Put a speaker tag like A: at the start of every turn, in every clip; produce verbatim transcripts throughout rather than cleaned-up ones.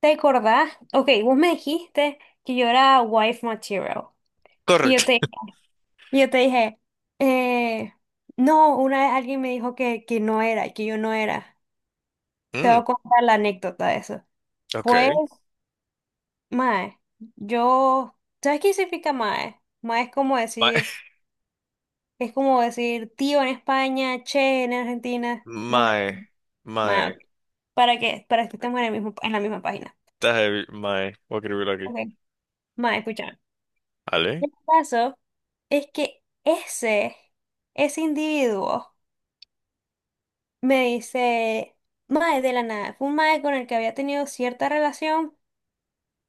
A: ¿Te acordás? Ok, vos me dijiste que yo era wife material. Y yo
B: Correct.
A: te, y yo te dije, eh, no, una vez alguien me dijo que, que no era, que yo no era. Te voy
B: Mm,
A: a contar la anécdota de eso. Pues,
B: okay.
A: mae, yo, ¿sabes qué significa mae? Mae es como
B: My,
A: decir, es como decir tío en España, che en Argentina. Bueno,
B: my,
A: mae,
B: my,
A: ok. ¿Para qué? Para que estemos en el mismo, en la misma página.
B: está heavy, my, voy a escribirlo aquí.
A: Ok. Mae, escucha.
B: ¿Vale?
A: El caso es que ese, ese individuo me dice, mae de la nada, fue un mae con el que había tenido cierta relación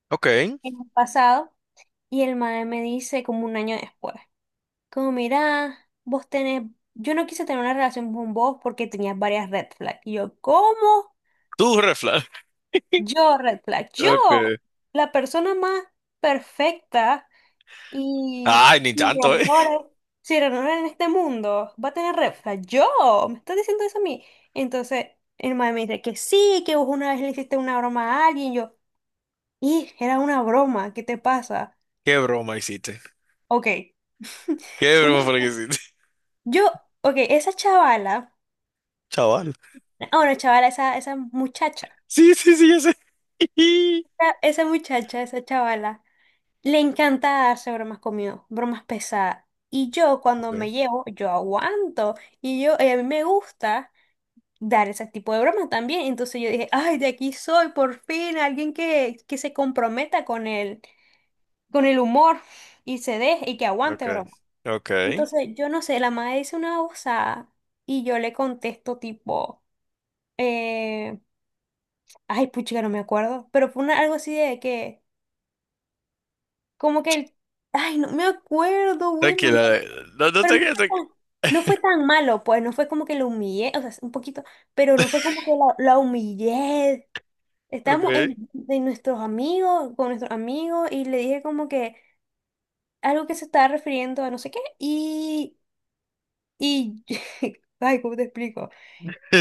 B: Okay.
A: en el pasado y el mae me dice como un año después, como mira, vos tenés, yo no quise tener una relación con vos porque tenías varias red flags. Y yo, ¿cómo?
B: Tú, red flag.
A: Yo, red flag, yo,
B: Okay.
A: la persona más perfecta y
B: Ay, ni
A: sin
B: tanto, ¿eh?
A: errores, sin errores en este mundo, va a tener red flag. Yo, me estás diciendo eso a mí. Entonces, el man me dice que sí, que vos una vez le hiciste una broma a alguien. Yo, y era una broma, ¿qué te pasa?
B: ¿Qué broma hiciste?
A: Ok.
B: ¿Qué broma fue la que
A: Una-
B: hiciste?
A: yo, ok, esa chavala,
B: Chaval.
A: ah, bueno, chavala, esa, esa muchacha,
B: Sí, sí, sí, ya sé.
A: esa esa muchacha, esa chavala. Le encanta hacer bromas conmigo, bromas pesadas. Y yo cuando
B: Okay,
A: me llevo, yo aguanto. Y yo, eh, a mí me gusta dar ese tipo de bromas también. Entonces yo dije, ay, de aquí soy, por fin, alguien que, que se comprometa con el, con el humor y se deje y que aguante
B: okay,
A: broma.
B: okay.
A: Entonces yo no sé, la madre dice una osada y yo le contesto tipo, eh, ay, puchica, no me acuerdo. Pero fue una- algo así de que, como que el, ay, no me acuerdo, güey, no.
B: Tranquila, eh, no, no
A: Pero
B: te
A: no
B: quedes.
A: fue
B: tranqui-
A: tan, no fue tan malo, pues no fue como que lo humillé, o sea, un poquito, pero no fue como que la, la humillé. Estábamos en,
B: Okay.
A: de nuestros amigos, con nuestros amigos, y le dije como que algo que se estaba refiriendo a no sé qué, y, y, ay, ¿cómo te explico?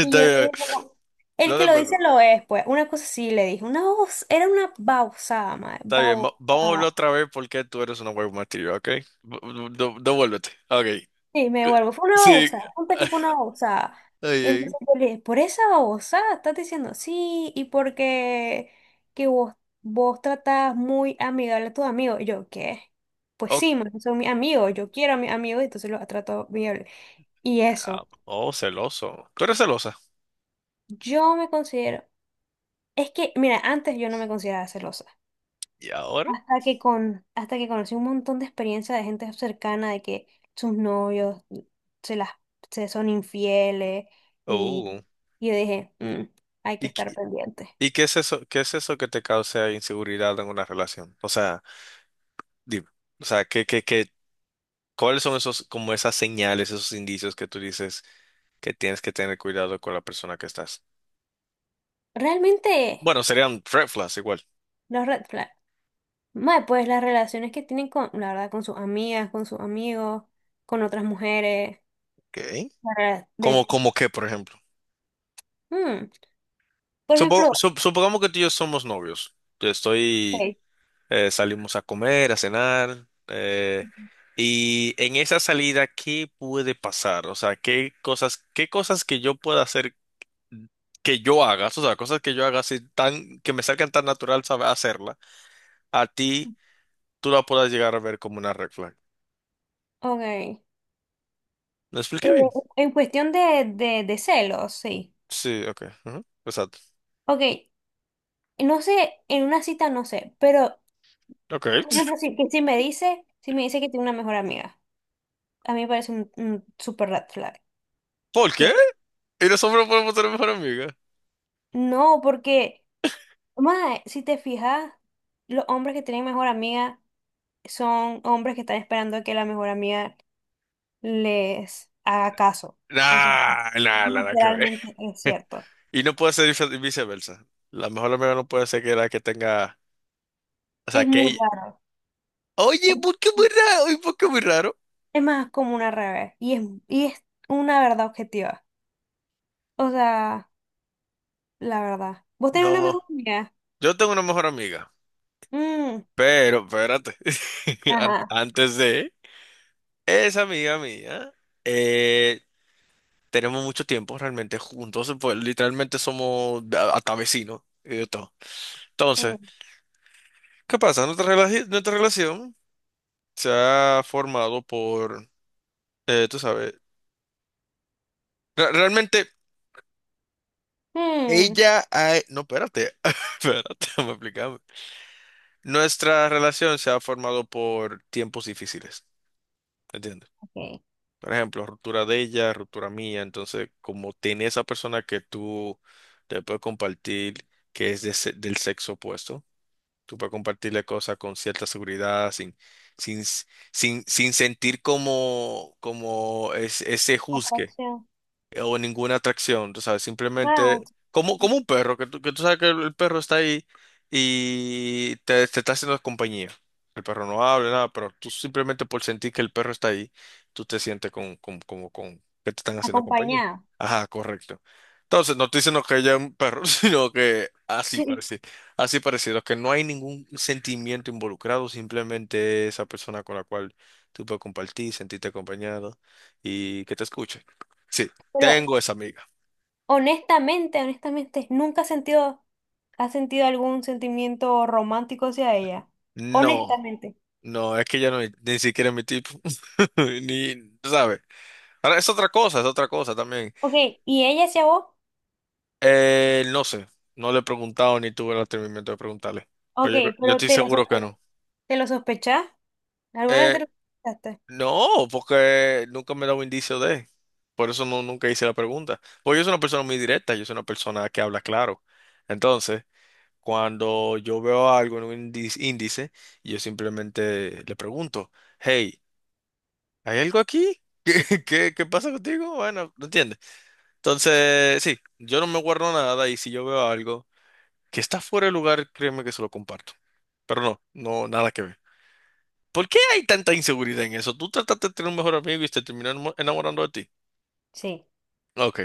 A: Y yo le
B: bien. eh.
A: dije como, el
B: No
A: que
B: te
A: lo dice
B: preocupes.
A: lo es, pues, una cosa sí le dije, una voz, era una babosada, madre,
B: Está bien. va- Vamos a volver
A: babosada.
B: otra vez porque tú eres una web material, ¿ok? V- v- de- Devuélvete. Ok.
A: Sí, me vuelvo. Fue una
B: Sí.
A: babosada. Ponte que fue una babosada.
B: Ay,
A: Y
B: ay.
A: entonces yo le dije, por esa babosada estás diciendo sí, y porque que vos, vos tratás muy amigable a tus amigos. Y yo, ¿qué? Pues
B: Ok,
A: sí, man, son mis amigos, yo quiero a mis amigos, entonces los trato amigable. Y
B: ah,
A: eso,
B: oh, celoso. ¿Tú eres celosa?
A: yo me considero, es que, mira, antes yo no me consideraba celosa.
B: ¿Y ahora?
A: Hasta que con, hasta que conocí un montón de experiencias de gente cercana de que sus novios se las se son infieles y,
B: Uh,
A: y yo dije, "Mm, hay que
B: ¿Y,
A: estar
B: qué-
A: pendiente.
B: y qué es eso, qué es eso que te causa inseguridad en una relación? O sea, dime, o sea, ¿qué, qué, qué- ¿cuáles son esos, como esas señales, esos indicios que tú dices que tienes que tener cuidado con la persona que estás?
A: Realmente,
B: Bueno, serían red flags igual.
A: los red flags, mae, pues las relaciones que tienen con, la verdad, con sus amigas, con sus amigos, con otras mujeres,
B: Ok.
A: la verdad,
B: ¿Cómo,
A: de,
B: cómo qué, por ejemplo?
A: mm, por
B: Supo-
A: ejemplo,
B: sup- supongamos que tú y yo somos novios. Yo estoy.
A: ok,
B: Eh, salimos a comer, a cenar. Eh, y en esa salida, ¿qué puede pasar? O sea, ¿qué cosas, qué cosas que yo pueda hacer, que yo haga? O sea, cosas que yo haga así tan, que me salgan tan natural saber hacerla, a ti tú la puedas llegar a ver como una red flag.
A: ok, eh,
B: ¿Lo expliqué bien?
A: en cuestión de, de, de celos, sí.
B: Sí, ok. Ujú, exacto.
A: Ok. No sé, en una cita no sé, pero
B: Ok.
A: por ejemplo, si, que si me dice, si me dice que tiene una mejor amiga, a mí me parece un, un super red flag.
B: ¿Por
A: Que,
B: qué? ¿Y nosotros no podemos ser mejor amiga?
A: no, porque, mae, si te fijas, los hombres que tienen mejor amiga son hombres que están esperando a que la mejor amiga les haga caso. O sea,
B: Nah, nah, nada que ver.
A: literalmente es cierto.
B: Y no puede ser vice- viceversa. La mejor amiga no puede ser que la que tenga, o sea,
A: Es
B: que
A: muy
B: ella...
A: raro.
B: Oye,
A: Es,
B: ¿por qué muy raro? ¿Y por qué muy raro?
A: es más como una revés. Y es, y es una verdad objetiva. O sea. La verdad. Vos tenés una
B: No,
A: mejor amiga.
B: yo tengo una mejor amiga,
A: Mm.
B: pero espérate. An-
A: Ajá.
B: antes de esa amiga mía, eh, tenemos mucho tiempo realmente juntos, pues literalmente somos a- hasta vecinos y de todo. Entonces,
A: Mm,
B: ¿qué pasa? Nuestra, relaci- nuestra relación se ha formado por, eh, tú sabes, re- realmente
A: mm,
B: ella, ha- no, espérate. Espérate, me explicarme. Nuestra relación se ha formado por tiempos difíciles. ¿Entiendes?
A: ok.
B: Por ejemplo, ruptura de ella, ruptura mía. Entonces, como tiene esa persona que tú te puedes compartir, que es de se- del sexo opuesto, tú puedes compartirle cosas con cierta seguridad, sin, sin, sin, sin sentir como, como es- ese juzgue,
A: Atracción.
B: eh, o ninguna atracción. Tú sabes,
A: Wow.
B: simplemente como, como un perro, que tú, que tú sabes que el el perro está ahí y te, te está haciendo compañía. El perro no habla, nada, pero tú simplemente por sentir que el perro está ahí, tú te sientes con, con, como con que te están haciendo compañía.
A: Acompañada.
B: Ajá, correcto. Entonces, no estoy diciendo que haya un perro, sino que así
A: Sí.
B: parecido, así parecido, que no hay ningún sentimiento involucrado, simplemente esa persona con la cual tú puedes compartir, sentirte acompañado y que te escuche. Sí.
A: Pero
B: Tengo esa amiga.
A: honestamente, honestamente, nunca has sentido, has sentido algún sentimiento romántico hacia ella.
B: No,
A: Honestamente.
B: no, es que ya no, ni siquiera es mi tipo. Ni, ¿sabes? Ahora es otra cosa, es otra cosa también.
A: Ok, ¿y ella hacia vos?
B: Eh, no sé, no le he preguntado ni tuve el atrevimiento de preguntarle.
A: Ok,
B: Pero yo, yo
A: pero
B: estoy
A: te lo,
B: seguro
A: sospe-
B: que no.
A: te lo sospechás. ¿Alguna vez te lo
B: Eh,
A: sospechaste?
B: no, porque nunca me he dado indicio de. Por eso no, nunca hice la pregunta. Porque yo soy una persona muy directa, yo soy una persona que habla claro. Entonces, cuando yo veo algo en un índice, índice, yo simplemente le pregunto, hey, ¿hay algo aquí? ¿Qué, qué, ¿qué pasa contigo? Bueno, no entiende. Entonces, sí, yo no me guardo nada, y si yo veo algo que está fuera de lugar, créeme que se lo comparto. Pero no, no, nada que ver. ¿Por qué hay tanta inseguridad en eso? Tú trataste de tener un mejor amigo y te terminó enamo- enamorando de ti.
A: Sí,
B: Ok,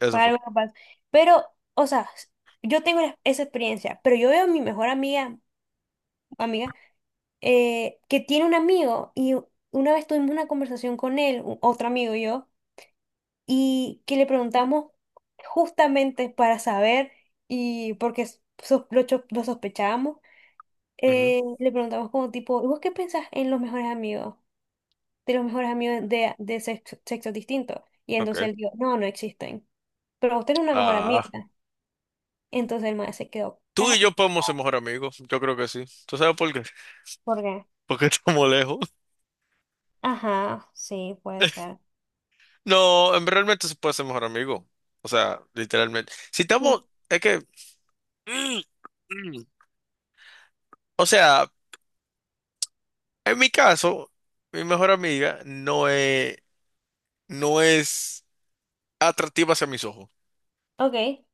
B: eso
A: fue
B: fue.
A: algo capaz. Pero, o sea, yo tengo la- esa experiencia, pero yo veo a mi mejor amiga, amiga. Eh, que tiene un amigo y u- una vez tuvimos una conversación con él, u- otro amigo y yo, y que le preguntamos justamente para saber y porque s- sos- lo, cho- lo sospechábamos,
B: Ujú,
A: eh, le preguntamos como tipo, ¿y vos qué pensás en los mejores amigos, de los mejores amigos de, de sexo, sexos distintos? Y
B: ok.
A: entonces él dijo, no, no existen, pero usted es una mejor
B: Ah,
A: amiga. Entonces el maestro se quedó
B: tú y
A: callado.
B: yo podemos ser mejor amigos. Yo creo que sí. ¿Tú sabes por qué?
A: ¿Por qué?
B: Porque estamos lejos.
A: Ajá, sí, puede ser.
B: No, en- realmente se puede ser mejor amigo. O sea, literalmente. Si
A: Sí.
B: estamos, es que... O sea, en mi caso, mi mejor amiga no es, no es atractiva hacia mis ojos.
A: Ok,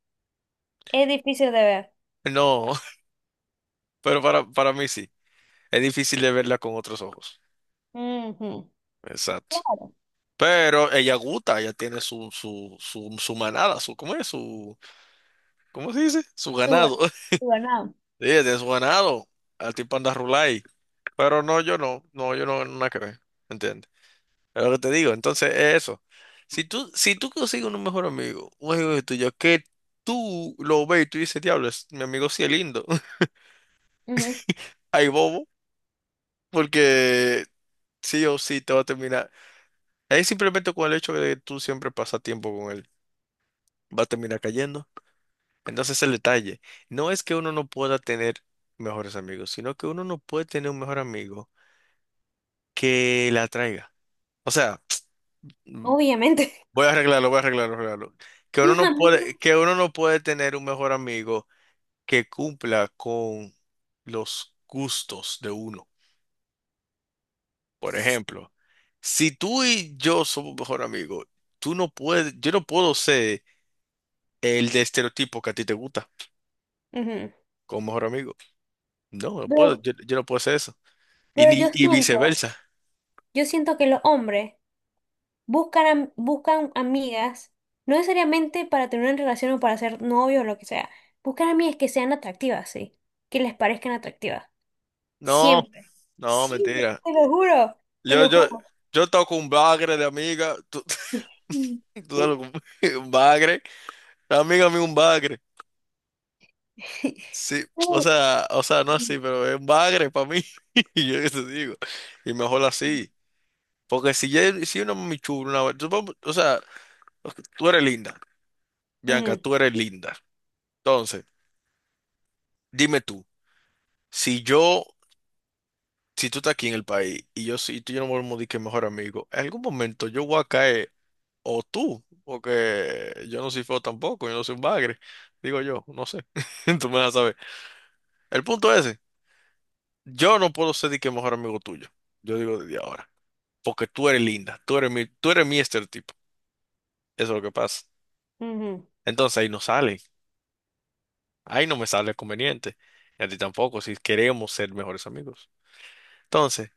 A: es difícil de ver.
B: No, pero para, para mí sí. Es difícil de verla con otros ojos.
A: Ujú.
B: Exacto.
A: Claro,
B: Pero ella gusta, ella tiene su, su, su, su manada, su, ¿cómo es? Su, ¿cómo se dice? Su
A: tu,
B: ganado.
A: tu ganado.
B: Sí, ella tiene su ganado. Al tipo anda rulay. Pero no, yo no. No, yo no, nada que ver. ¿Entiendes? Es lo que te digo. Entonces, es eso. Si tú, si tú consigues un mejor amigo, un amigo tuyo, que tú lo ves y tú dices, diablo, es- mi amigo sí es lindo.
A: Ujú.
B: Ay, bobo, porque sí o sí te va a terminar. Es simplemente con el hecho de que tú siempre pasas tiempo con él, va a terminar cayendo. Entonces, el detalle no es que uno no pueda tener mejores amigos, sino que uno no puede tener un mejor amigo que la atraiga. O sea,
A: Obviamente.
B: voy a arreglarlo, voy a arreglarlo, arreglarlo. Que
A: Y
B: uno
A: los
B: no
A: amigos.
B: puede, que uno no puede tener un mejor amigo que cumpla con los gustos de uno. Por ejemplo, si tú y yo somos mejor amigos, tú no puedes, yo no puedo ser el de estereotipo que a ti te gusta
A: Ujú.
B: como mejor amigo. No, no puedo,
A: Pero,
B: yo, yo no puedo ser eso. Y
A: pero yo
B: ni, y
A: siento,
B: viceversa.
A: yo siento que los hombres buscan, am- buscan amigas, no necesariamente para tener una relación o para ser novio o lo que sea. Buscan amigas que sean atractivas, sí. Que les parezcan atractivas.
B: No,
A: Siempre.
B: no,
A: Siempre.
B: mentira.
A: Te lo juro. Te
B: Yo,
A: lo
B: yo,
A: juro.
B: yo toco un bagre de amiga, tú.
A: Mm.
B: Tú dale un un bagre, amiga mía un bagre. Sí, o
A: Ujú,
B: sea, o sea, no
A: ujú.
B: así, pero es un bagre para mí. Y yo qué te digo. Y mejor así. Porque si, ya, si una mami chula, una, vaina- supongo- o sea, ok, tú eres linda, Bianca, tú eres linda. Entonces, dime tú, si yo, si tú estás aquí en el país y yo sí, tú y yo nos volvemos de que mejor amigo, en algún momento yo voy a caer, o tú, porque yo no soy feo tampoco, yo no soy un bagre, digo yo, no sé. Tú me vas a saber. El punto es, ese, yo no puedo ser de que mejor amigo tuyo, yo digo desde ahora, porque tú eres linda, tú eres mi, tú eres mi estereotipo. Eso es lo que pasa.
A: Ujú, ujú.
B: Entonces ahí no sale, ahí no me sale conveniente, y a ti tampoco, si queremos ser mejores amigos. Entonces,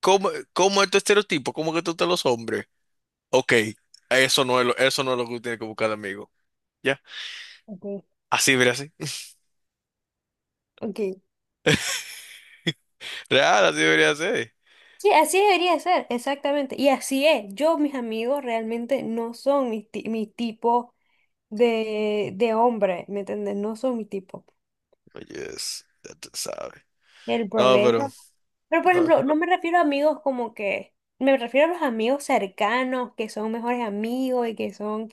B: ¿cómo, cómo es tu estereotipo? ¿Cómo que tú te los hombres? Ok, eso no es lo, eso no es lo que tú tienes que buscar de amigo. Ya,
A: Ok.
B: así debería ser.
A: Ok.
B: Real, así debería ser.
A: Sí, así debería ser, exactamente. Y así es. Yo, mis amigos realmente no son mi, ti- mi tipo de, de hombre, ¿me entiendes? No son mi tipo.
B: Oye, es- ya te sabes.
A: El
B: No, pero,
A: problema. Pero, por
B: no,
A: ejemplo, no me refiero a amigos como que, me refiero a los amigos cercanos, que son mejores amigos y que son,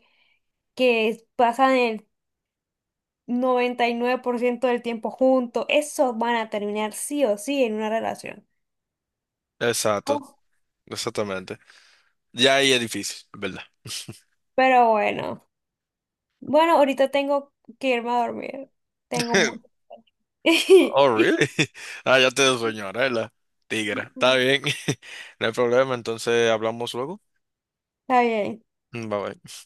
A: que pasan el noventa y nueve por ciento del tiempo juntos. Esos van a terminar sí o sí en una relación.
B: exacto,
A: Oh.
B: exactamente. Ya ahí es difícil, ¿verdad?
A: Pero bueno. Bueno, ahorita tengo que irme a dormir. Tengo mucho.
B: Oh, really? Ah, ya te dio sueño, ahora es la tigra. Está bien, no hay problema, entonces hablamos luego.
A: Está bien.
B: Mm, bye bye.